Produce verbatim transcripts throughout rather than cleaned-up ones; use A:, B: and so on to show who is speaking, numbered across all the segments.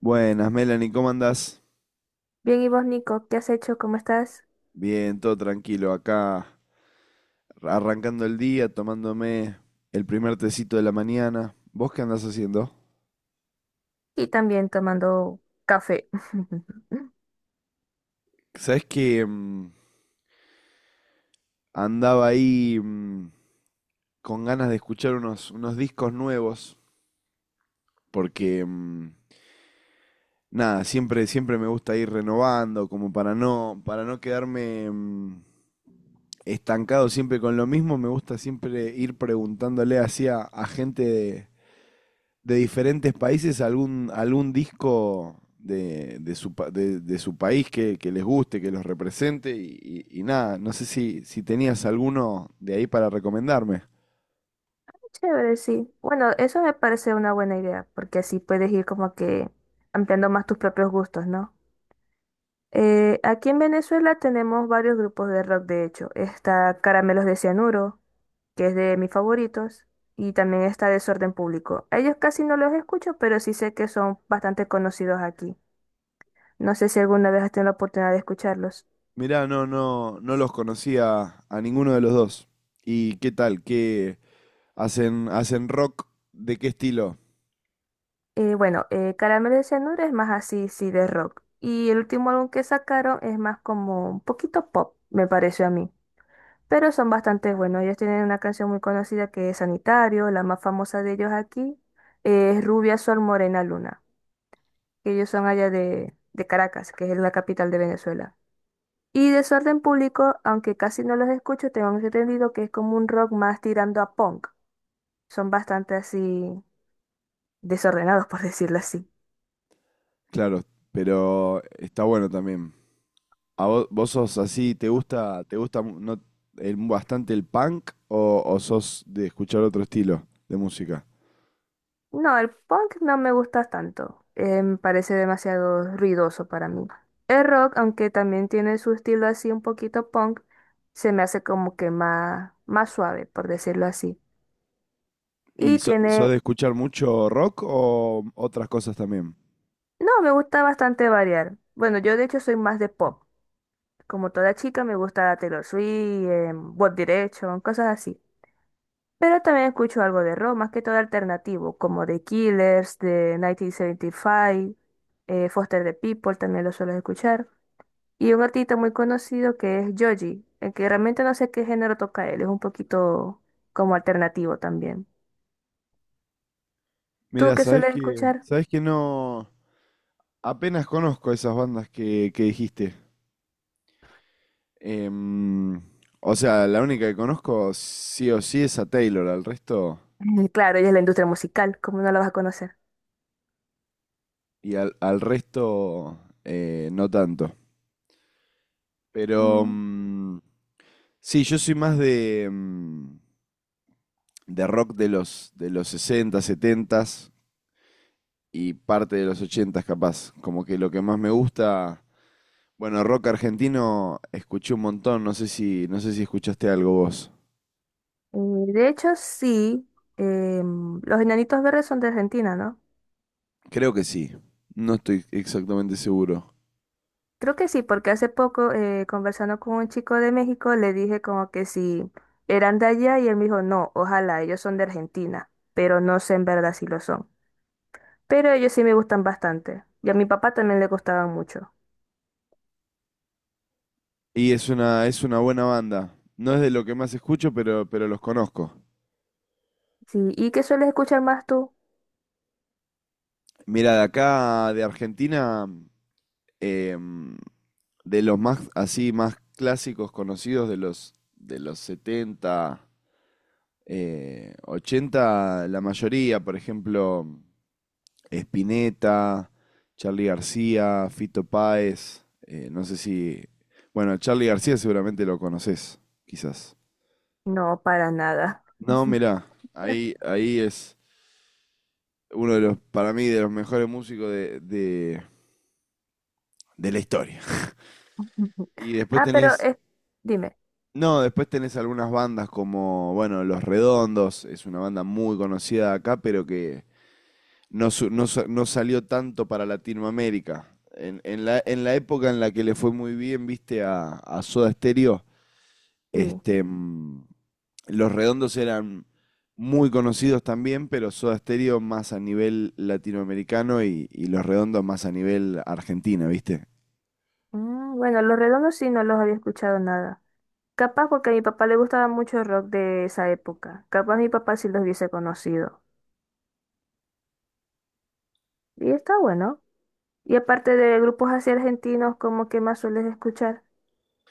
A: Buenas, Melanie, ¿cómo andás?
B: Bien, y vos, Nico, ¿qué has hecho? ¿Cómo estás?
A: Bien, todo tranquilo, acá arrancando el día, tomándome el primer tecito de la mañana. ¿Vos qué andás haciendo?
B: Y también tomando café.
A: Sabés que mm, andaba ahí mm, con ganas de escuchar unos, unos discos nuevos, porque mm, nada, siempre, siempre me gusta ir renovando, como para no, para no quedarme mm, estancado siempre con lo mismo, me gusta siempre ir preguntándole así a, a gente de, de diferentes países algún, algún disco de, de su, pa- de, de su país que, que les guste, que los represente y, y- y nada, no sé si, si tenías alguno de ahí para recomendarme.
B: Chévere, sí. Bueno, eso me parece una buena idea, porque así puedes ir como que ampliando más tus propios gustos, ¿no? Eh, aquí en Venezuela tenemos varios grupos de rock, de hecho. Está Caramelos de Cianuro, que es de mis favoritos, y también está Desorden Público. A ellos casi no los escucho, pero sí sé que son bastante conocidos aquí. No sé si alguna vez has tenido la oportunidad de escucharlos.
A: Mirá, no, no, no los conocía a ninguno de los dos. ¿Y qué tal? ¿Qué hacen, hacen rock? ¿De qué estilo?
B: Eh, bueno, eh, Caramelo de Cianuro es más así, sí, de rock. Y el último álbum que sacaron es más como un poquito pop, me pareció a mí. Pero son bastante buenos. Ellos tienen una canción muy conocida que es Sanitario, la más famosa de ellos aquí, eh, es Rubia Sol Morena Luna, que ellos son allá de, de Caracas, que es la capital de Venezuela. Y Desorden Público, aunque casi no los escucho, tengo entendido que es como un rock más tirando a punk. Son bastante así desordenados, por decirlo así.
A: Claro, pero está bueno también. ¿A vos, vos sos así, te gusta, te gusta mu- no- el- bastante el punk o, o sos de escuchar otro estilo de música?
B: No, el punk no me gusta tanto. Eh, me parece demasiado ruidoso para mí. El rock, aunque también tiene su estilo así un poquito punk, se me hace como que más, más suave, por decirlo así.
A: ¿Y
B: Y
A: so- sos
B: tiene...
A: de escuchar mucho rock o otras cosas también?
B: No, me gusta bastante variar. Bueno, yo de hecho soy más de pop. Como toda chica me gusta Taylor Swift, em, One Direction, cosas así. Pero también escucho algo de rock, más que todo alternativo, como The Killers, de the one nine seven five, eh, Foster the People, también lo suelo escuchar. Y un artista muy conocido que es Joji, el que realmente no sé qué género toca él, es un poquito como alternativo también. ¿Tú
A: Mira,
B: qué
A: sabés
B: sueles
A: que,
B: escuchar?
A: sabés que no, apenas conozco esas bandas que, que dijiste. Em, o sea, la única que conozco sí o sí es a Taylor, al resto,
B: Mm, claro, ella es la industria musical, ¿cómo no la vas a conocer?
A: y al, al resto eh, no tanto. Pero
B: Mm,
A: mm, sí, yo soy más de, mm, de rock de los, de los sesenta, setenta y parte de los ochenta capaz. Como que lo que más me gusta... Bueno, rock argentino escuché un montón, no sé si, no sé si escuchaste algo vos.
B: eh, de hecho, sí, em, los Enanitos Verdes son de Argentina, ¿no?
A: Creo que sí, no estoy exactamente seguro.
B: Creo que sí, porque hace poco eh, conversando con un chico de México le dije como que si eran de allá y él me dijo, no, ojalá, ellos son de Argentina, pero no sé en verdad si lo son. Pero ellos sí me gustan bastante y a mi papá también le gustaban mucho.
A: Y es una, es una buena banda. No es de lo que más escucho, pero, pero los conozco.
B: Sí, ¿y qué sueles escuchar más tú?
A: Mira, de acá, de Argentina, em, de los más así, más clásicos conocidos de los, de los setenta, eh, ochenta, la mayoría, por ejemplo, Spinetta, Charlie García, Fito Páez, eh, no sé si... Bueno, Charlie García seguramente lo conoces, quizás.
B: No, para nada.
A: No, mirá, ahí, ahí es uno de los, para mí, de los mejores músicos de, de, de la historia. Y después
B: Ah, pero
A: tenés,
B: es, dime,
A: no, después tenés algunas bandas como, bueno, Los Redondos, es una banda muy conocida acá, pero que no, su- no sa- no salió tanto para Latinoamérica. En, en la, en la época en la que le fue muy bien, viste, a, a Soda Stereo,
B: sí.
A: este, mm, Los Redondos eran muy conocidos también, pero Soda Stereo más a nivel latinoamericano y, y Los Redondos más a nivel argentina, viste.
B: Mm, bueno, Los Redondos sí no los había escuchado nada. Capaz porque a mi papá le gustaba mucho el rock de esa época. Capaz mi papá sí los hubiese conocido. Y está bueno. Y aparte de grupos así argentinos, ¿cómo que más sueles escuchar?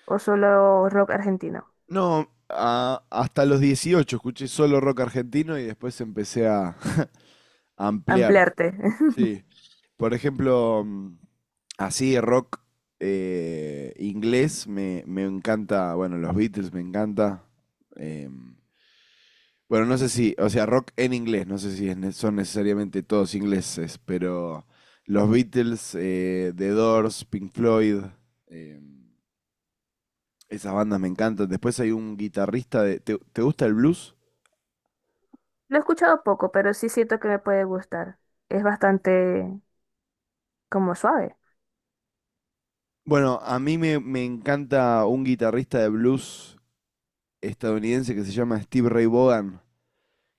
B: ¿O solo rock argentino?
A: No, a- hasta los dieciocho escuché solo rock argentino y después empecé a a ampliar.
B: Ampliarte.
A: Sí. Por ejemplo, mm, así rock eh, inglés me, me encanta, bueno, los Beatles me encanta. em, bueno, no sé si, o sea, rock en inglés, no sé si es ne- son necesariamente todos ingleses, pero los Beatles, eh, The Doors, Pink Floyd, em, esas bandas me encantan. Después hay un guitarrista de... ¿Te, te gusta el blues?
B: Lo he escuchado poco, pero sí siento que me puede gustar. Es bastante como suave.
A: Bueno, a mí me, me encanta un guitarrista de blues estadounidense que se llama Steve Ray Vaughan,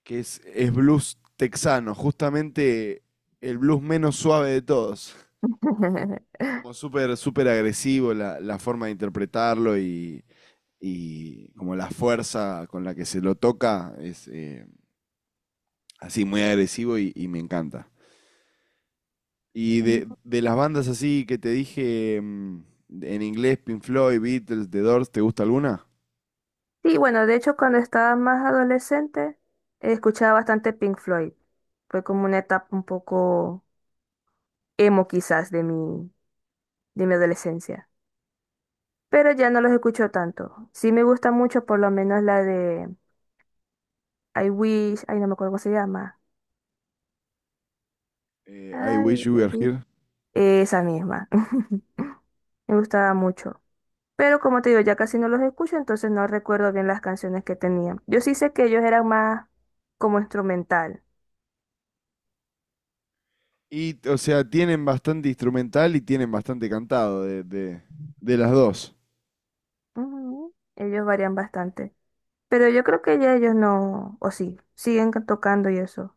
A: que es, es blues texano, justamente el blues menos suave de todos. Como súper, súper agresivo la, la forma de interpretarlo y, y como la fuerza con la que se lo toca es eh, así muy agresivo y, y me encanta. Y de, de las bandas así que te dije mm, en inglés, Pink Floyd, Beatles, The Doors, ¿te gusta alguna?
B: Sí, bueno, de hecho cuando estaba más adolescente, eh, escuchaba bastante Pink Floyd. Fue como una etapa un poco emo quizás de mi, de, mi adolescencia. Pero ya no los escucho tanto. Sí me gusta mucho por lo menos la de I Wish, ay no me acuerdo cómo se llama.
A: Eh, I Wish
B: Ay,
A: You
B: ay,
A: Were
B: uy.
A: Here.
B: Esa misma. Me gustaba mucho. Pero como te digo, ya casi no los escucho, entonces no recuerdo bien las canciones que tenían. Yo sí sé que ellos eran más como instrumental.
A: Y, o sea, tienen bastante instrumental y tienen bastante cantado de, de, de las dos.
B: Ujú. Ellos varían bastante. Pero yo creo que ya ellos no, o sí, siguen tocando y eso.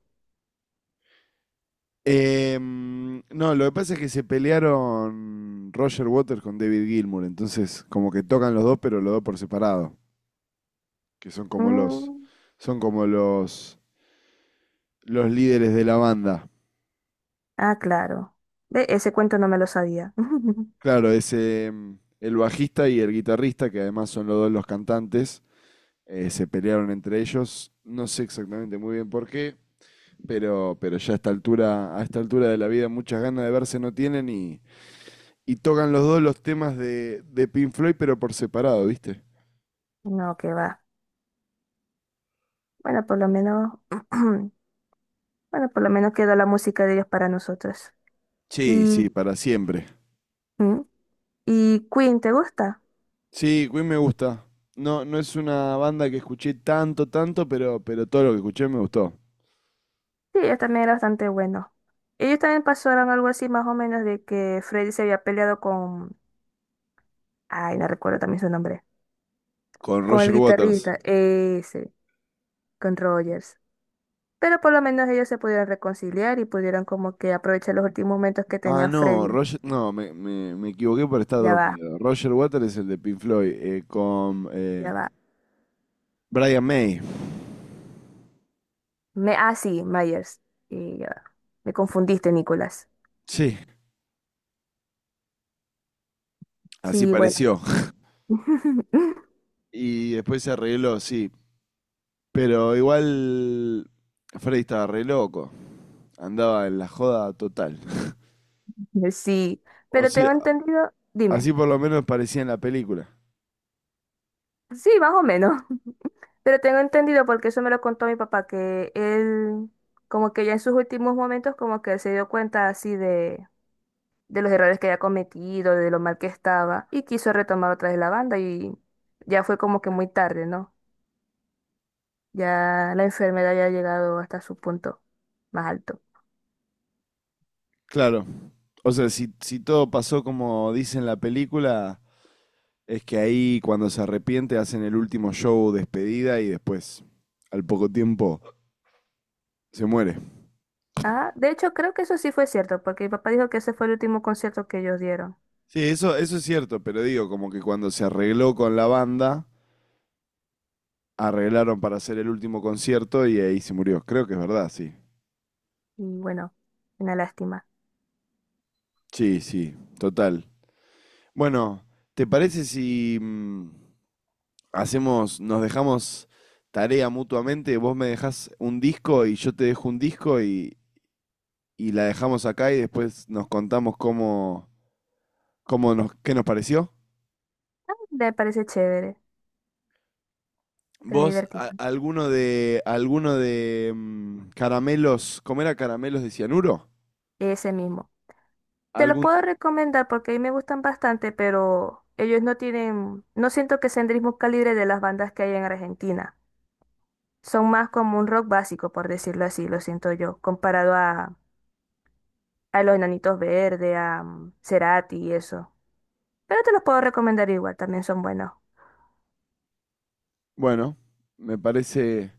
A: Em, no, lo que pasa es que se pelearon Roger Waters con David Gilmour, entonces como que tocan los dos, pero los dos por separado, que son como los,
B: Mm.
A: son como los, los líderes de la banda.
B: Ah, claro. Ve, ese cuento no me lo sabía.
A: Claro, ese em, el bajista y el guitarrista, que además son los dos los cantantes, eh, se pelearon entre ellos. No sé exactamente muy bien por qué, pero, pero ya a esta altura, a esta altura de la vida, muchas ganas de verse no tienen y, y tocan los dos los temas de, de Pink Floyd, pero por separado, ¿viste?
B: No, que va. Bueno, por lo menos, bueno, por lo menos quedó la música de ellos para nosotros.
A: Sí,
B: Y
A: sí, para siempre.
B: ¿mm? ¿Y Queen, te gusta?
A: Sí, Queen me gusta. No, no es una banda que escuché tanto, tanto, pero, pero todo lo que escuché me gustó.
B: Sí, ellos también era bastante bueno. Ellos también pasaron algo así más o menos de que Freddy se había peleado con... Ay, no recuerdo también su nombre.
A: Con
B: Con el
A: Roger Waters.
B: guitarrista, ese, con Rogers. Pero por lo menos ellos se pudieron reconciliar y pudieron como que aprovechar los últimos momentos que
A: Ah,
B: tenía
A: no,
B: Freddy.
A: Roger, no, me, me, me equivoqué por estar
B: Ya va,
A: dormido. Roger Waters es el de Pink Floyd, eh, con
B: ya
A: eh,
B: va.
A: Brian May.
B: Me... Ah, sí, Myers. Y ya va. Me confundiste, Nicolás.
A: Sí, así
B: Sí, bueno.
A: pareció. Y después se arregló, sí. Pero igual Freddy estaba re loco. Andaba en la joda total.
B: Sí,
A: O
B: pero
A: sea,
B: tengo entendido... Dime.
A: así por lo menos parecía en la película.
B: Sí, más o menos. Pero tengo entendido, porque eso me lo contó mi papá, que él, como que ya en sus últimos momentos, como que se dio cuenta así de, de los errores que había cometido, de lo mal que estaba, y quiso retomar otra vez la banda, y ya fue como que muy tarde, ¿no? Ya la enfermedad ya ha llegado hasta su punto más alto.
A: Claro. O sea, si, si todo pasó como dice en la película, es que ahí cuando se arrepiente hacen el último show despedida y después, al poco tiempo, se muere.
B: Ah, de hecho, creo que eso sí fue cierto, porque mi papá dijo que ese fue el último concierto que ellos dieron.
A: Sí, eso, eso es cierto, pero digo, como que cuando se arregló con la banda, arreglaron para hacer el último concierto y ahí se murió. Creo que es verdad, sí.
B: Y bueno, una lástima.
A: Sí, sí, total. Bueno, ¿te parece si mm, hacemos, nos dejamos tarea mutuamente? Vos me dejás un disco y yo te dejo un disco y, y la dejamos acá y después nos contamos cómo, cómo nos, qué nos pareció.
B: Me parece chévere, pero
A: ¿Vos, a-
B: divertido.
A: alguno de, alguno de mm, caramelos, cómo era caramelos de cianuro?
B: Ese mismo. Te los
A: Algún,
B: puedo recomendar porque a mí me gustan bastante, pero ellos no tienen, no siento que sean del mismo calibre de las bandas que hay en Argentina. Son más como un rock básico, por decirlo así, lo siento yo, comparado a, a los Enanitos Verdes, a mm, Cerati y eso. Pero te los puedo recomendar igual, también son buenos.
A: bueno, me parece,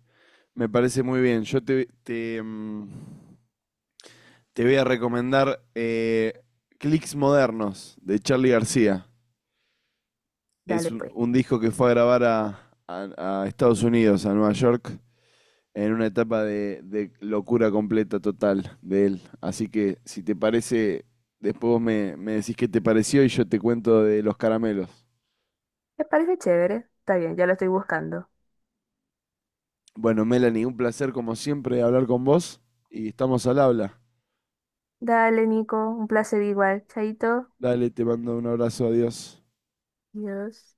A: me parece muy bien. Yo te, te, mm, te voy a recomendar eh, Clicks Modernos de Charlie García. Es
B: Dale
A: un,
B: pues.
A: un disco que fue a grabar a, a- a Estados Unidos, a Nueva York, en una etapa de, de locura completa, total, de él. Así que, si te parece, después vos me, me decís qué te pareció y yo te cuento de los caramelos.
B: Me parece chévere. Está bien, ya lo estoy buscando.
A: Bueno, Melanie, un placer como siempre hablar con vos y estamos al habla.
B: Dale, Nico, un placer igual. Chaito.
A: Dale, te mando un abrazo, adiós.
B: Dios.